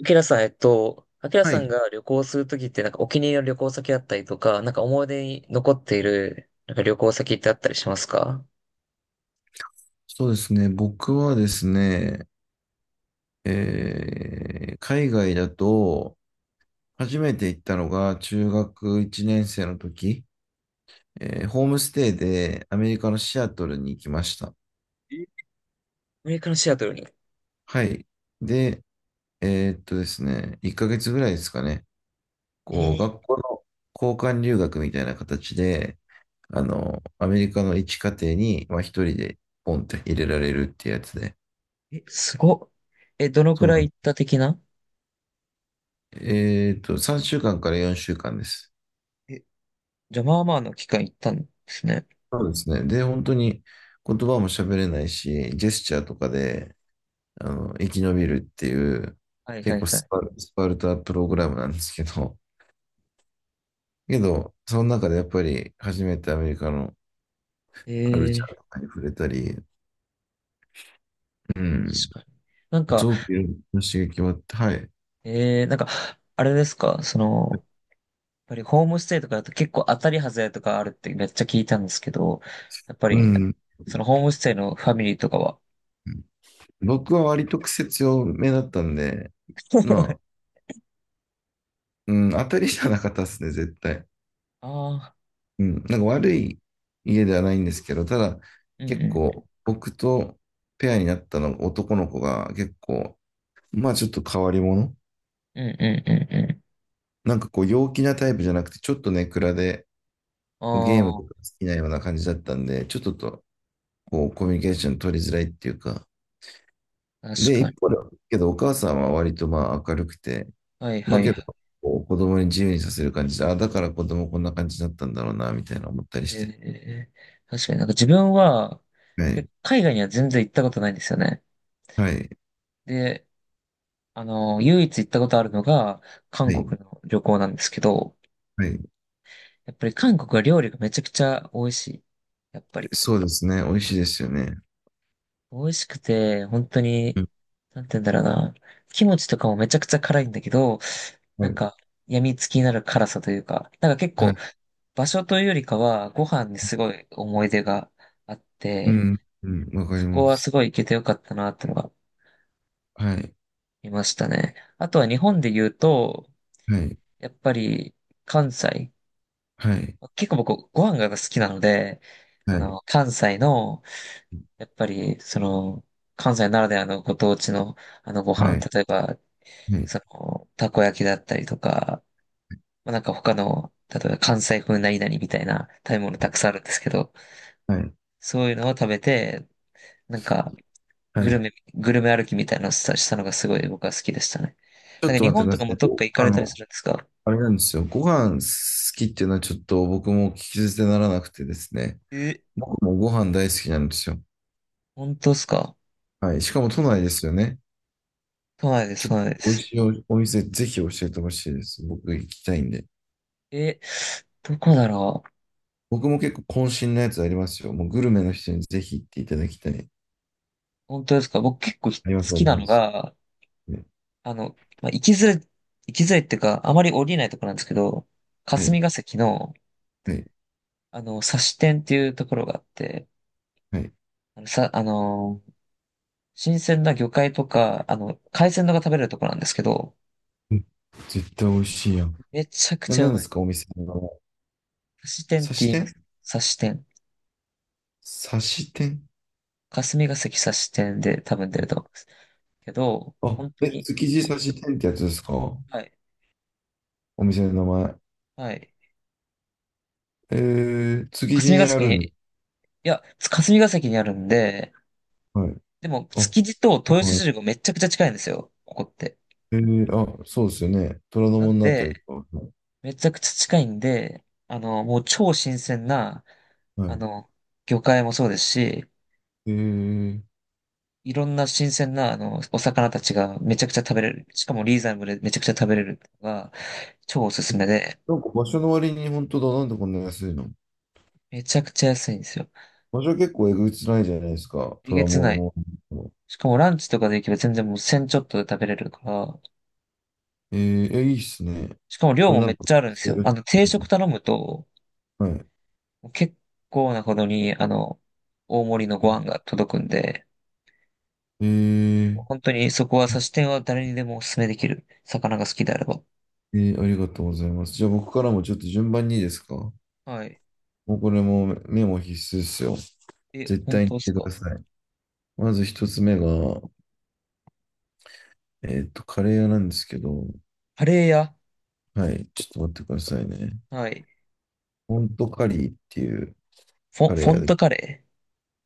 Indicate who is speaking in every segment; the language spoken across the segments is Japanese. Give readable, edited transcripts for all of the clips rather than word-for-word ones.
Speaker 1: アキラさん、アキラ
Speaker 2: は
Speaker 1: さん
Speaker 2: い。
Speaker 1: が旅行するときって、お気に入りの旅行先だったりとか、思い出に残っている、なんか旅行先ってあったりしますか？
Speaker 2: そうですね。僕はですね、海外だと、初めて行ったのが中学1年生の時、ホームステイでアメリカのシアトルに行きました。
Speaker 1: え、アメリカのシアトルに。
Speaker 2: はい。で、ですね、1ヶ月ぐらいですかね、
Speaker 1: え
Speaker 2: こう、
Speaker 1: ー、
Speaker 2: 学校の交換留学みたいな形で、あの、アメリカの一家庭に、まあ、一人でポンって入れられるってやつで、
Speaker 1: えすごっ。え、どの
Speaker 2: そ
Speaker 1: く
Speaker 2: うな
Speaker 1: らい
Speaker 2: の。
Speaker 1: 行った的な？
Speaker 2: 3週間から4週間です。
Speaker 1: え、じゃあまあまあの期間行ったんですね。
Speaker 2: そうですね。で、本当に言葉も喋れないし、ジェスチャーとかで、あの、生き延びるっていう、
Speaker 1: はいは
Speaker 2: 結
Speaker 1: い
Speaker 2: 構
Speaker 1: は
Speaker 2: スパルタプログラムなんですけど、けど、その中でやっぱり初めてアメリカのカルチ
Speaker 1: い。
Speaker 2: ャーとかに触れたり、うん、
Speaker 1: 確かに。なん
Speaker 2: す
Speaker 1: か、
Speaker 2: ごくいろんな刺激もあって、はい。
Speaker 1: えー、なんか、あれですか、その、ぱりホームステイとかだと結構当たり外れとかあるってめっちゃ聞いたんですけど、やっぱ
Speaker 2: う
Speaker 1: り、
Speaker 2: ん。
Speaker 1: そのホームステイのファミリーとかは？
Speaker 2: 僕は割と癖強めだったんで、ま あ、うん、当たりじゃなかったですね、絶対。
Speaker 1: ああ、
Speaker 2: うん、なんか悪い家ではないんですけど、ただ
Speaker 1: うん
Speaker 2: 結
Speaker 1: う
Speaker 2: 構僕とペアになったの男の子が結構、まあちょっと変わり者。
Speaker 1: ん、うんうんうん
Speaker 2: なんかこう陽気なタイプじゃなくて、ちょっとね暗で
Speaker 1: う
Speaker 2: こうゲーム
Speaker 1: ん。
Speaker 2: とか
Speaker 1: あ
Speaker 2: 好きなような感じだったんで、ちょっとこうコミュニケーション取りづらいっていうか。
Speaker 1: あ、確
Speaker 2: で、
Speaker 1: かに。
Speaker 2: 一方で、けどお母さんは割とまあ明るくて、
Speaker 1: はい
Speaker 2: ま
Speaker 1: は
Speaker 2: あ
Speaker 1: い
Speaker 2: け
Speaker 1: は
Speaker 2: ど、
Speaker 1: い。
Speaker 2: こう子供に自由にさせる感じで、あ、だから子供こんな感じだったんだろうな、みたいな思ったりして。
Speaker 1: え確かに自分は、
Speaker 2: は
Speaker 1: け
Speaker 2: い。
Speaker 1: 海外には全然行ったことないんですよね。
Speaker 2: はい。
Speaker 1: で、あの、唯一行ったことあるのが、韓
Speaker 2: はい。
Speaker 1: 国の旅行なんですけど、
Speaker 2: はい。
Speaker 1: やっぱり韓国は料理がめちゃくちゃ美味しい。やっぱり。
Speaker 2: そうですね。美味しいですよね。
Speaker 1: 美味しくて、本当
Speaker 2: う
Speaker 1: に、
Speaker 2: ん。
Speaker 1: なんて言うんだろうな。キムチとかもめちゃくちゃ辛いんだけど、
Speaker 2: は
Speaker 1: なん
Speaker 2: い。
Speaker 1: か、病みつきになる辛さというか、なんか結
Speaker 2: は
Speaker 1: 構、
Speaker 2: い。
Speaker 1: 場所というよりかは、ご飯にすごい思い出があっ
Speaker 2: う
Speaker 1: て、
Speaker 2: ん。うん。わかり
Speaker 1: そこ
Speaker 2: ま
Speaker 1: は
Speaker 2: す。
Speaker 1: すごい行けてよかったなってのが
Speaker 2: はい。
Speaker 1: 見ましたね。あとは日本で言うと、
Speaker 2: はい。
Speaker 1: やっぱり関西。
Speaker 2: はい。
Speaker 1: 結構僕ご飯が好きなので、あ
Speaker 2: はい。
Speaker 1: の、関西の、やっぱり、その、関西ならではのご当地のあのご
Speaker 2: は
Speaker 1: 飯、
Speaker 2: い。
Speaker 1: 例えば
Speaker 2: はい。
Speaker 1: その、たこ焼きだったりとか、まあ、なんか他の、例えば関西風何々みたいな食べ物たくさんあるんですけど、
Speaker 2: はい。
Speaker 1: そういうのを食べて、なんか、
Speaker 2: はい。
Speaker 1: グルメ歩きみたいなのをしたのがすごい僕は好きでしたね。
Speaker 2: ちょ
Speaker 1: な
Speaker 2: っ
Speaker 1: んか
Speaker 2: と
Speaker 1: 日
Speaker 2: 待ってく
Speaker 1: 本
Speaker 2: だ
Speaker 1: と
Speaker 2: さ
Speaker 1: かも
Speaker 2: い。
Speaker 1: どっか行か
Speaker 2: あ
Speaker 1: れたりす
Speaker 2: の、
Speaker 1: るんですか？
Speaker 2: あれなんですよ。ご飯好きっていうのはちょっと僕も聞き捨てならなくてですね。
Speaker 1: え、
Speaker 2: 僕もご飯大好きなんですよ。
Speaker 1: 本当ですか？
Speaker 2: はい。しかも都内ですよね。
Speaker 1: 都内で
Speaker 2: ち
Speaker 1: す、
Speaker 2: ょっ
Speaker 1: 都
Speaker 2: と
Speaker 1: 内で
Speaker 2: 美味
Speaker 1: す。
Speaker 2: しいお店ぜひ教えてほしいです。僕行きたいんで。
Speaker 1: え、どこだろう？
Speaker 2: 僕も結構渾身のやつありますよ。もうグルメの人にぜひ行っていただきたい。
Speaker 1: 本当ですか？僕結構ひ好
Speaker 2: あります、あ
Speaker 1: き
Speaker 2: り
Speaker 1: な
Speaker 2: ま
Speaker 1: の
Speaker 2: す。
Speaker 1: が、
Speaker 2: ね
Speaker 1: あの、まあ、行きづらいっていうか、あまり降りないところなんですけど、
Speaker 2: は
Speaker 1: 霞
Speaker 2: い。
Speaker 1: が関の、
Speaker 2: はい。
Speaker 1: あの、刺し店っていうところがあって、
Speaker 2: はい。
Speaker 1: あの、さ、あの、新鮮な魚介とか、あの、海鮮のが食べれるところなんですけど、
Speaker 2: うん絶対美味しいやん。
Speaker 1: めちゃくちゃう
Speaker 2: 何で
Speaker 1: まい。
Speaker 2: すか、お店の名前。
Speaker 1: 刺し店っ
Speaker 2: 刺
Speaker 1: て
Speaker 2: し
Speaker 1: 言いま
Speaker 2: 店。
Speaker 1: す。刺し店。
Speaker 2: 刺し店。
Speaker 1: 霞ヶ関刺し店で多分出ると思います。けど、
Speaker 2: あ、
Speaker 1: 本当
Speaker 2: え、
Speaker 1: に、
Speaker 2: 築地刺し店ってやつですか？お
Speaker 1: はい、
Speaker 2: 店の名前。
Speaker 1: はい。
Speaker 2: えー、築地
Speaker 1: 霞
Speaker 2: に
Speaker 1: ヶ
Speaker 2: あ
Speaker 1: 関
Speaker 2: る
Speaker 1: に、
Speaker 2: んだ。
Speaker 1: いや、霞ヶ関にあるんで、
Speaker 2: はい。
Speaker 1: でも、
Speaker 2: あ、
Speaker 1: 築地と豊洲
Speaker 2: は
Speaker 1: 市
Speaker 2: い。
Speaker 1: 場がめちゃくちゃ近いんですよ、ここって。
Speaker 2: えー、あ、そうですよね。虎ノ
Speaker 1: なん
Speaker 2: 門のあた
Speaker 1: で、
Speaker 2: りとか。
Speaker 1: めちゃくちゃ近いんで、あの、もう超新鮮な、
Speaker 2: は
Speaker 1: あ
Speaker 2: い。
Speaker 1: の、魚介もそうですし、
Speaker 2: えー、
Speaker 1: いろんな新鮮な、あの、お魚たちがめちゃくちゃ食べれる。しかもリーズナブルでめちゃくちゃ食べれるのが超おす
Speaker 2: え
Speaker 1: すめで、
Speaker 2: なんか場所の割に本当だ。なんでこんな安いの？
Speaker 1: めちゃくちゃ安いんですよ。
Speaker 2: 場所結構えぐつないじゃないですか。
Speaker 1: え
Speaker 2: 虎
Speaker 1: げ
Speaker 2: ノ
Speaker 1: つない。
Speaker 2: 門の。
Speaker 1: しかもランチとかで行けば全然もう1000ちょっとで食べれるから、
Speaker 2: えいいっすね。
Speaker 1: しかも量
Speaker 2: これ
Speaker 1: も
Speaker 2: な
Speaker 1: め
Speaker 2: ん
Speaker 1: っ
Speaker 2: か、
Speaker 1: ちゃあるんです
Speaker 2: や
Speaker 1: よ。
Speaker 2: る
Speaker 1: あの、
Speaker 2: っ
Speaker 1: 定
Speaker 2: ていう
Speaker 1: 食
Speaker 2: の。
Speaker 1: 頼むと、
Speaker 2: はい。
Speaker 1: 結構なほどに、あの、大盛りのご飯が届くんで、
Speaker 2: えー、
Speaker 1: 本当にそこは差し店は誰にでもおすすめできる。魚が好きであれば。
Speaker 2: ありがとうございます。じゃあ僕からもちょっと順番にいいですか？も
Speaker 1: はい。
Speaker 2: うこれもメモ必須ですよ。
Speaker 1: え、
Speaker 2: 絶
Speaker 1: 本
Speaker 2: 対
Speaker 1: 当
Speaker 2: に
Speaker 1: です
Speaker 2: 言ってく
Speaker 1: か？
Speaker 2: ださい。まず一つ目が、カレー屋なんですけど、
Speaker 1: カレー屋？
Speaker 2: はい、ちょっと待ってくださいね。
Speaker 1: はい。
Speaker 2: ホントカリーっていう
Speaker 1: フ
Speaker 2: カ
Speaker 1: ォ、
Speaker 2: レ
Speaker 1: フォ
Speaker 2: ー屋
Speaker 1: ン
Speaker 2: で、
Speaker 1: トカレー？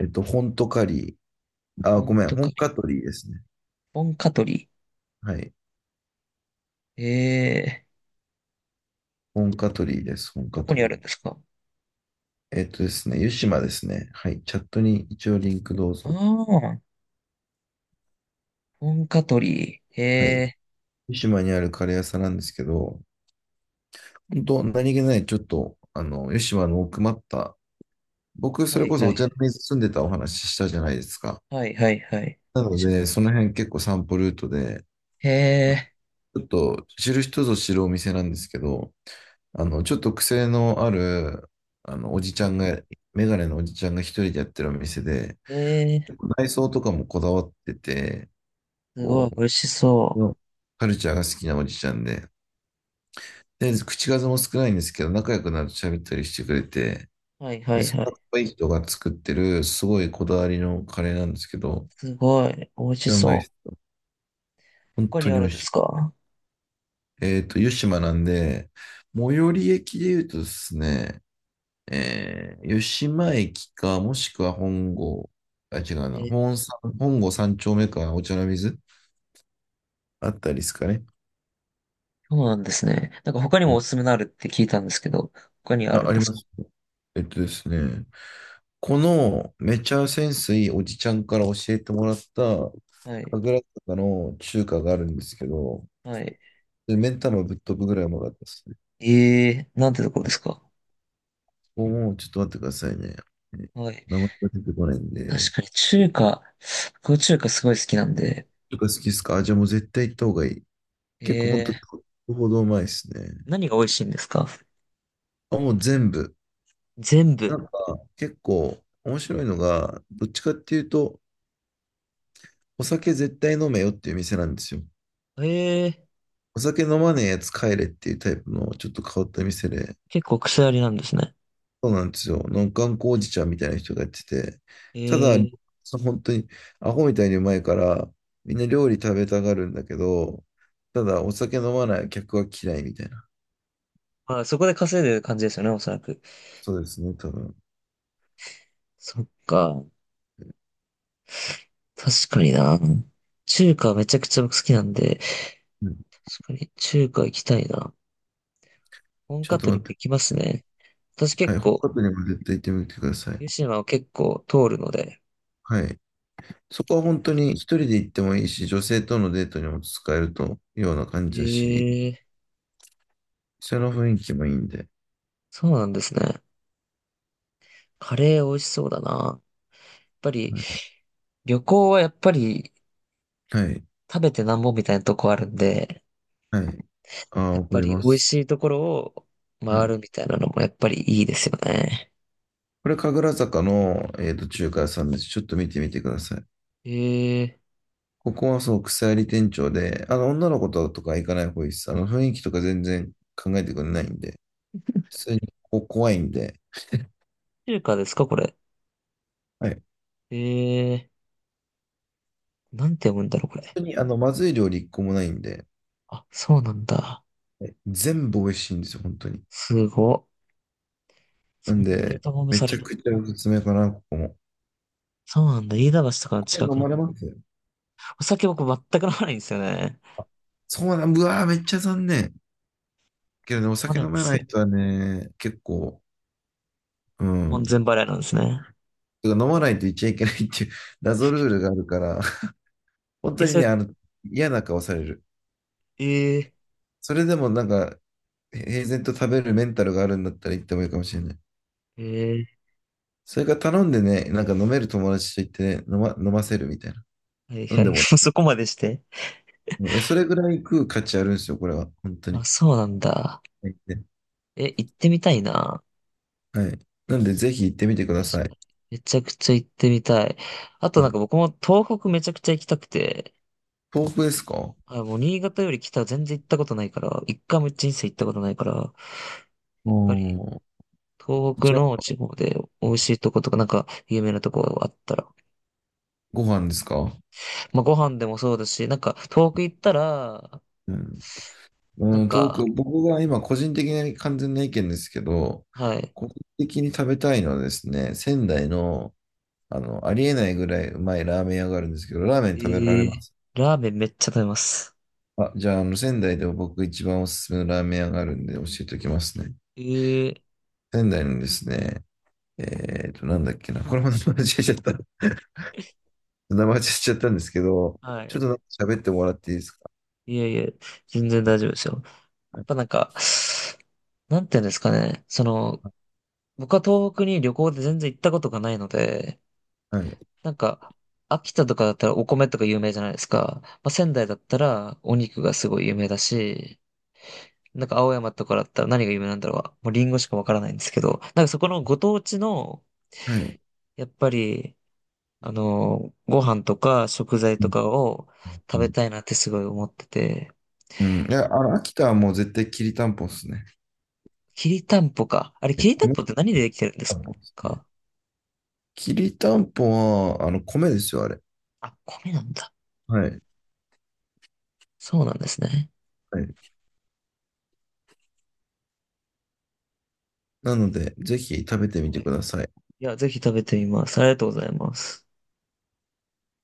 Speaker 2: ホントカリー、あ、ご
Speaker 1: 本
Speaker 2: めん、
Speaker 1: と
Speaker 2: 本
Speaker 1: か、
Speaker 2: カトリーですね。
Speaker 1: 本カトリ
Speaker 2: はい、
Speaker 1: ー。えー、
Speaker 2: 本
Speaker 1: ど
Speaker 2: カ
Speaker 1: こ
Speaker 2: ト
Speaker 1: にあるん
Speaker 2: リ
Speaker 1: で
Speaker 2: ー。
Speaker 1: すか？
Speaker 2: えっとですね、湯島ですね。はい、チャットに一応リンクどう
Speaker 1: ああ
Speaker 2: ぞ。
Speaker 1: ー、本カトリー。
Speaker 2: はい、
Speaker 1: え
Speaker 2: 湯島にあるカレー屋さんなんですけど、本当、何気ない、ちょっと、あの、吉島の奥まった、僕、
Speaker 1: ー、
Speaker 2: そ
Speaker 1: は
Speaker 2: れ
Speaker 1: い
Speaker 2: こそ
Speaker 1: は
Speaker 2: お
Speaker 1: い、
Speaker 2: 茶の水住んでたお話したじゃないですか。
Speaker 1: はいはいはい。
Speaker 2: なの
Speaker 1: し
Speaker 2: で、その辺結構散歩ルートで、
Speaker 1: え
Speaker 2: ちょっと知る人ぞ知るお店なんですけど、あの、ちょっと癖のある、あの、おじちゃんが、メガネのおじちゃんが一人でやってるお店で、
Speaker 1: ー、えー、
Speaker 2: 内装とかもこだわってて、
Speaker 1: すご
Speaker 2: こ
Speaker 1: い、
Speaker 2: う、
Speaker 1: 美味しそ
Speaker 2: カルチャーが好きなおじちゃんで、で、口数も少ないんですけど、仲良くなると喋ったりしてくれて、
Speaker 1: う。はいは
Speaker 2: で、
Speaker 1: い
Speaker 2: そ
Speaker 1: は
Speaker 2: の
Speaker 1: い。
Speaker 2: かっこいい人が作ってる、すごいこだわりのカレーなんですけど、
Speaker 1: すごい、美味し
Speaker 2: うまいで
Speaker 1: そう。
Speaker 2: す。本
Speaker 1: 他に
Speaker 2: 当
Speaker 1: あ
Speaker 2: に美
Speaker 1: る
Speaker 2: 味
Speaker 1: んで
Speaker 2: し
Speaker 1: す
Speaker 2: い。
Speaker 1: か？
Speaker 2: 湯島なんで、最寄り駅で言うとですね、湯島駅か、もしくは本郷、あ、違う
Speaker 1: え
Speaker 2: な、
Speaker 1: ー、
Speaker 2: 本郷三丁目か、お茶の水あったりですかね。
Speaker 1: そうなんですね。なんか他に
Speaker 2: う
Speaker 1: もお
Speaker 2: ん。
Speaker 1: すすめのあるって聞いたんですけど、他にある
Speaker 2: あ、
Speaker 1: ん
Speaker 2: あ
Speaker 1: で
Speaker 2: り
Speaker 1: す
Speaker 2: ま
Speaker 1: か？
Speaker 2: す。えっとですね、このめちゃ潜水おじちゃんから教えてもらった、
Speaker 1: はい、
Speaker 2: 神楽坂の中華があるんですけど、
Speaker 1: はい。
Speaker 2: で、メンタぶっ飛ぶぐらいうまかったですね。
Speaker 1: えー、なんてところですか？
Speaker 2: もう、ちょっと待ってくださいね。ね
Speaker 1: はい。
Speaker 2: 名前が出てこないん
Speaker 1: 確
Speaker 2: で。
Speaker 1: かに中華、僕中華すごい好きなんで、
Speaker 2: とか好きですか？あ、じゃあもう絶対行った方がいい。結構本当
Speaker 1: え、
Speaker 2: にほどうまいですね。
Speaker 1: 何が美味しいんですか？
Speaker 2: あ、もう全部。
Speaker 1: 全部。
Speaker 2: なんか、結構面白いのが、どっちかっていうと、お酒絶対飲めよっていう店なんですよ。
Speaker 1: ええ、
Speaker 2: お酒飲まねえやつ帰れっていうタイプのちょっと変わった店で、
Speaker 1: 結構癖ありなんですね。
Speaker 2: そうなんですよ。の頑固おじちゃんみたいな人がやってて、
Speaker 1: え
Speaker 2: ただ、
Speaker 1: え、
Speaker 2: 本当にアホみたいにうまいから、みんな料理食べたがるんだけど、ただお酒飲まない客は嫌いみたいな。
Speaker 1: まあそこで稼いでる感じですよね、おそらく。
Speaker 2: そうですね、多分。
Speaker 1: そっか。確かにな。中華めちゃくちゃ僕好きなんで、
Speaker 2: うん、
Speaker 1: 確かに中華行きたいな。本
Speaker 2: ちょっと
Speaker 1: 格に
Speaker 2: 待
Speaker 1: も
Speaker 2: っ
Speaker 1: 行き
Speaker 2: て。
Speaker 1: ますね。私
Speaker 2: は
Speaker 1: 結
Speaker 2: い、北
Speaker 1: 構、
Speaker 2: 海道にも絶対行ってみてください。
Speaker 1: 湯島を結構通るので、
Speaker 2: はい。そ
Speaker 1: 行
Speaker 2: こ
Speaker 1: っ
Speaker 2: は
Speaker 1: てみ
Speaker 2: 本当
Speaker 1: ま
Speaker 2: に
Speaker 1: す。
Speaker 2: 一人で行ってもいいし、女性とのデートにも使えるというような感じだし、
Speaker 1: ええ、
Speaker 2: その雰囲気もいいんで。
Speaker 1: そうなんですね。カレー美味しそうだな。やっぱり、
Speaker 2: はい。
Speaker 1: 旅行はやっぱり
Speaker 2: はい。
Speaker 1: 食べてなんぼみたいなとこあるんで、
Speaker 2: はい。あ
Speaker 1: や
Speaker 2: あ、
Speaker 1: っ
Speaker 2: わか
Speaker 1: ぱ
Speaker 2: り
Speaker 1: り
Speaker 2: ま
Speaker 1: 美味
Speaker 2: す。
Speaker 1: しいところを
Speaker 2: は
Speaker 1: 回る
Speaker 2: い。
Speaker 1: みたいなのもやっぱりいいですよね。
Speaker 2: これ、神楽坂の、中華屋さんです。ちょっと見てみてください。
Speaker 1: え
Speaker 2: ここはそう、草やり店長で、あの、女の子とか行かない方がいいです。あの、雰囲気とか全然考えてくれないんで、普通にここ怖いんで、
Speaker 1: 中華ですかこれ？
Speaker 2: はい。本
Speaker 1: えー、なんて読むんだろうこれ。
Speaker 2: 当に、あの、まずい料理一個もないんで、
Speaker 1: あ、そうなんだ。
Speaker 2: はい、全部美味しいんですよ、本当に。
Speaker 1: すご。
Speaker 2: な
Speaker 1: そ
Speaker 2: ん
Speaker 1: んなベ
Speaker 2: で、
Speaker 1: タ褒め
Speaker 2: め
Speaker 1: さ
Speaker 2: ち
Speaker 1: れ
Speaker 2: ゃ
Speaker 1: る。
Speaker 2: くちゃおすすめかな、ここも。
Speaker 1: そうなんだ。飯田橋とかの
Speaker 2: お酒
Speaker 1: 近く
Speaker 2: 飲
Speaker 1: の。
Speaker 2: まれます？
Speaker 1: お酒僕全く飲まないんですよね。
Speaker 2: そうなん、うわー、めっちゃ残念。けどね、お
Speaker 1: 飲ま
Speaker 2: 酒
Speaker 1: ないん
Speaker 2: 飲
Speaker 1: で
Speaker 2: め
Speaker 1: す
Speaker 2: ない
Speaker 1: よ。
Speaker 2: 人はね、結構、う
Speaker 1: 門前
Speaker 2: ん。
Speaker 1: 払いなんですね。
Speaker 2: てか飲まないといっちゃいけないっていう 謎ルールがあるから、本
Speaker 1: え、
Speaker 2: 当に
Speaker 1: それ、
Speaker 2: ね、あの、嫌な顔される。
Speaker 1: え
Speaker 2: それでもなんか、平然と食べるメンタルがあるんだったら行ってもいいかもしれない。
Speaker 1: ー、え
Speaker 2: それから頼んでね、なんか飲める友達と行ってね、飲ませるみたいな。
Speaker 1: ー、はい
Speaker 2: 飲
Speaker 1: は
Speaker 2: んで
Speaker 1: い。
Speaker 2: もら
Speaker 1: そこまでして。
Speaker 2: う。え、それぐらい食う価値あるんですよ、これは。本当
Speaker 1: あ、
Speaker 2: に。
Speaker 1: そうなんだ。
Speaker 2: はい。
Speaker 1: え、行ってみたいな。
Speaker 2: はい。なんで、ぜひ行ってみてく
Speaker 1: 確
Speaker 2: ださ
Speaker 1: か
Speaker 2: い。
Speaker 1: に。めちゃくちゃ行ってみたい。あと
Speaker 2: う
Speaker 1: なん
Speaker 2: ん、
Speaker 1: か僕も東北めちゃくちゃ行きたくて、
Speaker 2: 遠くですか？
Speaker 1: あ、もう新潟より北は全然行ったことないから、一回も人生行ったことないから、やっぱり
Speaker 2: う、
Speaker 1: 東北
Speaker 2: じゃ
Speaker 1: の
Speaker 2: あ、
Speaker 1: 地方で美味しいとことかなんか有名なとこがあったら、
Speaker 2: ご飯ですか？
Speaker 1: まあご飯でもそうだし、なんか東北行ったら、
Speaker 2: うん。
Speaker 1: なん
Speaker 2: うん、遠
Speaker 1: か、
Speaker 2: く、僕が今、個人的な完全な意見ですけど、
Speaker 1: はい。
Speaker 2: 個人的に食べたいのはですね、仙台の、あの、ありえないぐらいうまいラーメン屋があるんですけど、ラーメ
Speaker 1: え
Speaker 2: ン食べられ
Speaker 1: ー、
Speaker 2: ます？
Speaker 1: ラーメンめっちゃ食べます。
Speaker 2: あ、じゃあ、あの、仙台でも僕一番おすすめのラーメン屋があるんで教えておきますね。
Speaker 1: えー、
Speaker 2: 仙台のですね、なんだっけな。これも名前間違えちゃった。名前間違えちゃったんですけど、
Speaker 1: は
Speaker 2: ちょ
Speaker 1: い。
Speaker 2: っとなんか喋ってもらっていいですか？
Speaker 1: いやいや、全然大丈夫ですよ。やっ
Speaker 2: は
Speaker 1: ぱなんか、なんていうんですかね。その、僕は東北に旅行で全然行ったことがないので、
Speaker 2: い。
Speaker 1: なんか、秋田とかだったらお米とか有名じゃないですか。まあ、仙台だったらお肉がすごい有名だし、なんか青山とかだったら何が有名なんだろう。もうリンゴしかわからないんですけど、なんかそこのご当地の、
Speaker 2: はい。
Speaker 1: やっぱり、あの、ご飯とか食材
Speaker 2: う
Speaker 1: と
Speaker 2: ん
Speaker 1: かを
Speaker 2: う
Speaker 1: 食べ
Speaker 2: ん。
Speaker 1: たいなってすごい思ってて、
Speaker 2: うん、いや、あの、秋田はもう絶対きりたんぽっすね。
Speaker 1: きりたんぽか。あれ、
Speaker 2: え、
Speaker 1: きりたん
Speaker 2: 米
Speaker 1: ぽって何でできてるんで
Speaker 2: た
Speaker 1: す
Speaker 2: んぽですね。
Speaker 1: か？
Speaker 2: きりたんぽは、あの、米ですよ、あれ。
Speaker 1: あ、米なんだ。
Speaker 2: はい。
Speaker 1: そうなんですね。
Speaker 2: はい。なので、ぜひ食べてみてください。
Speaker 1: いや、ぜひ食べてみます。ありがとうございます。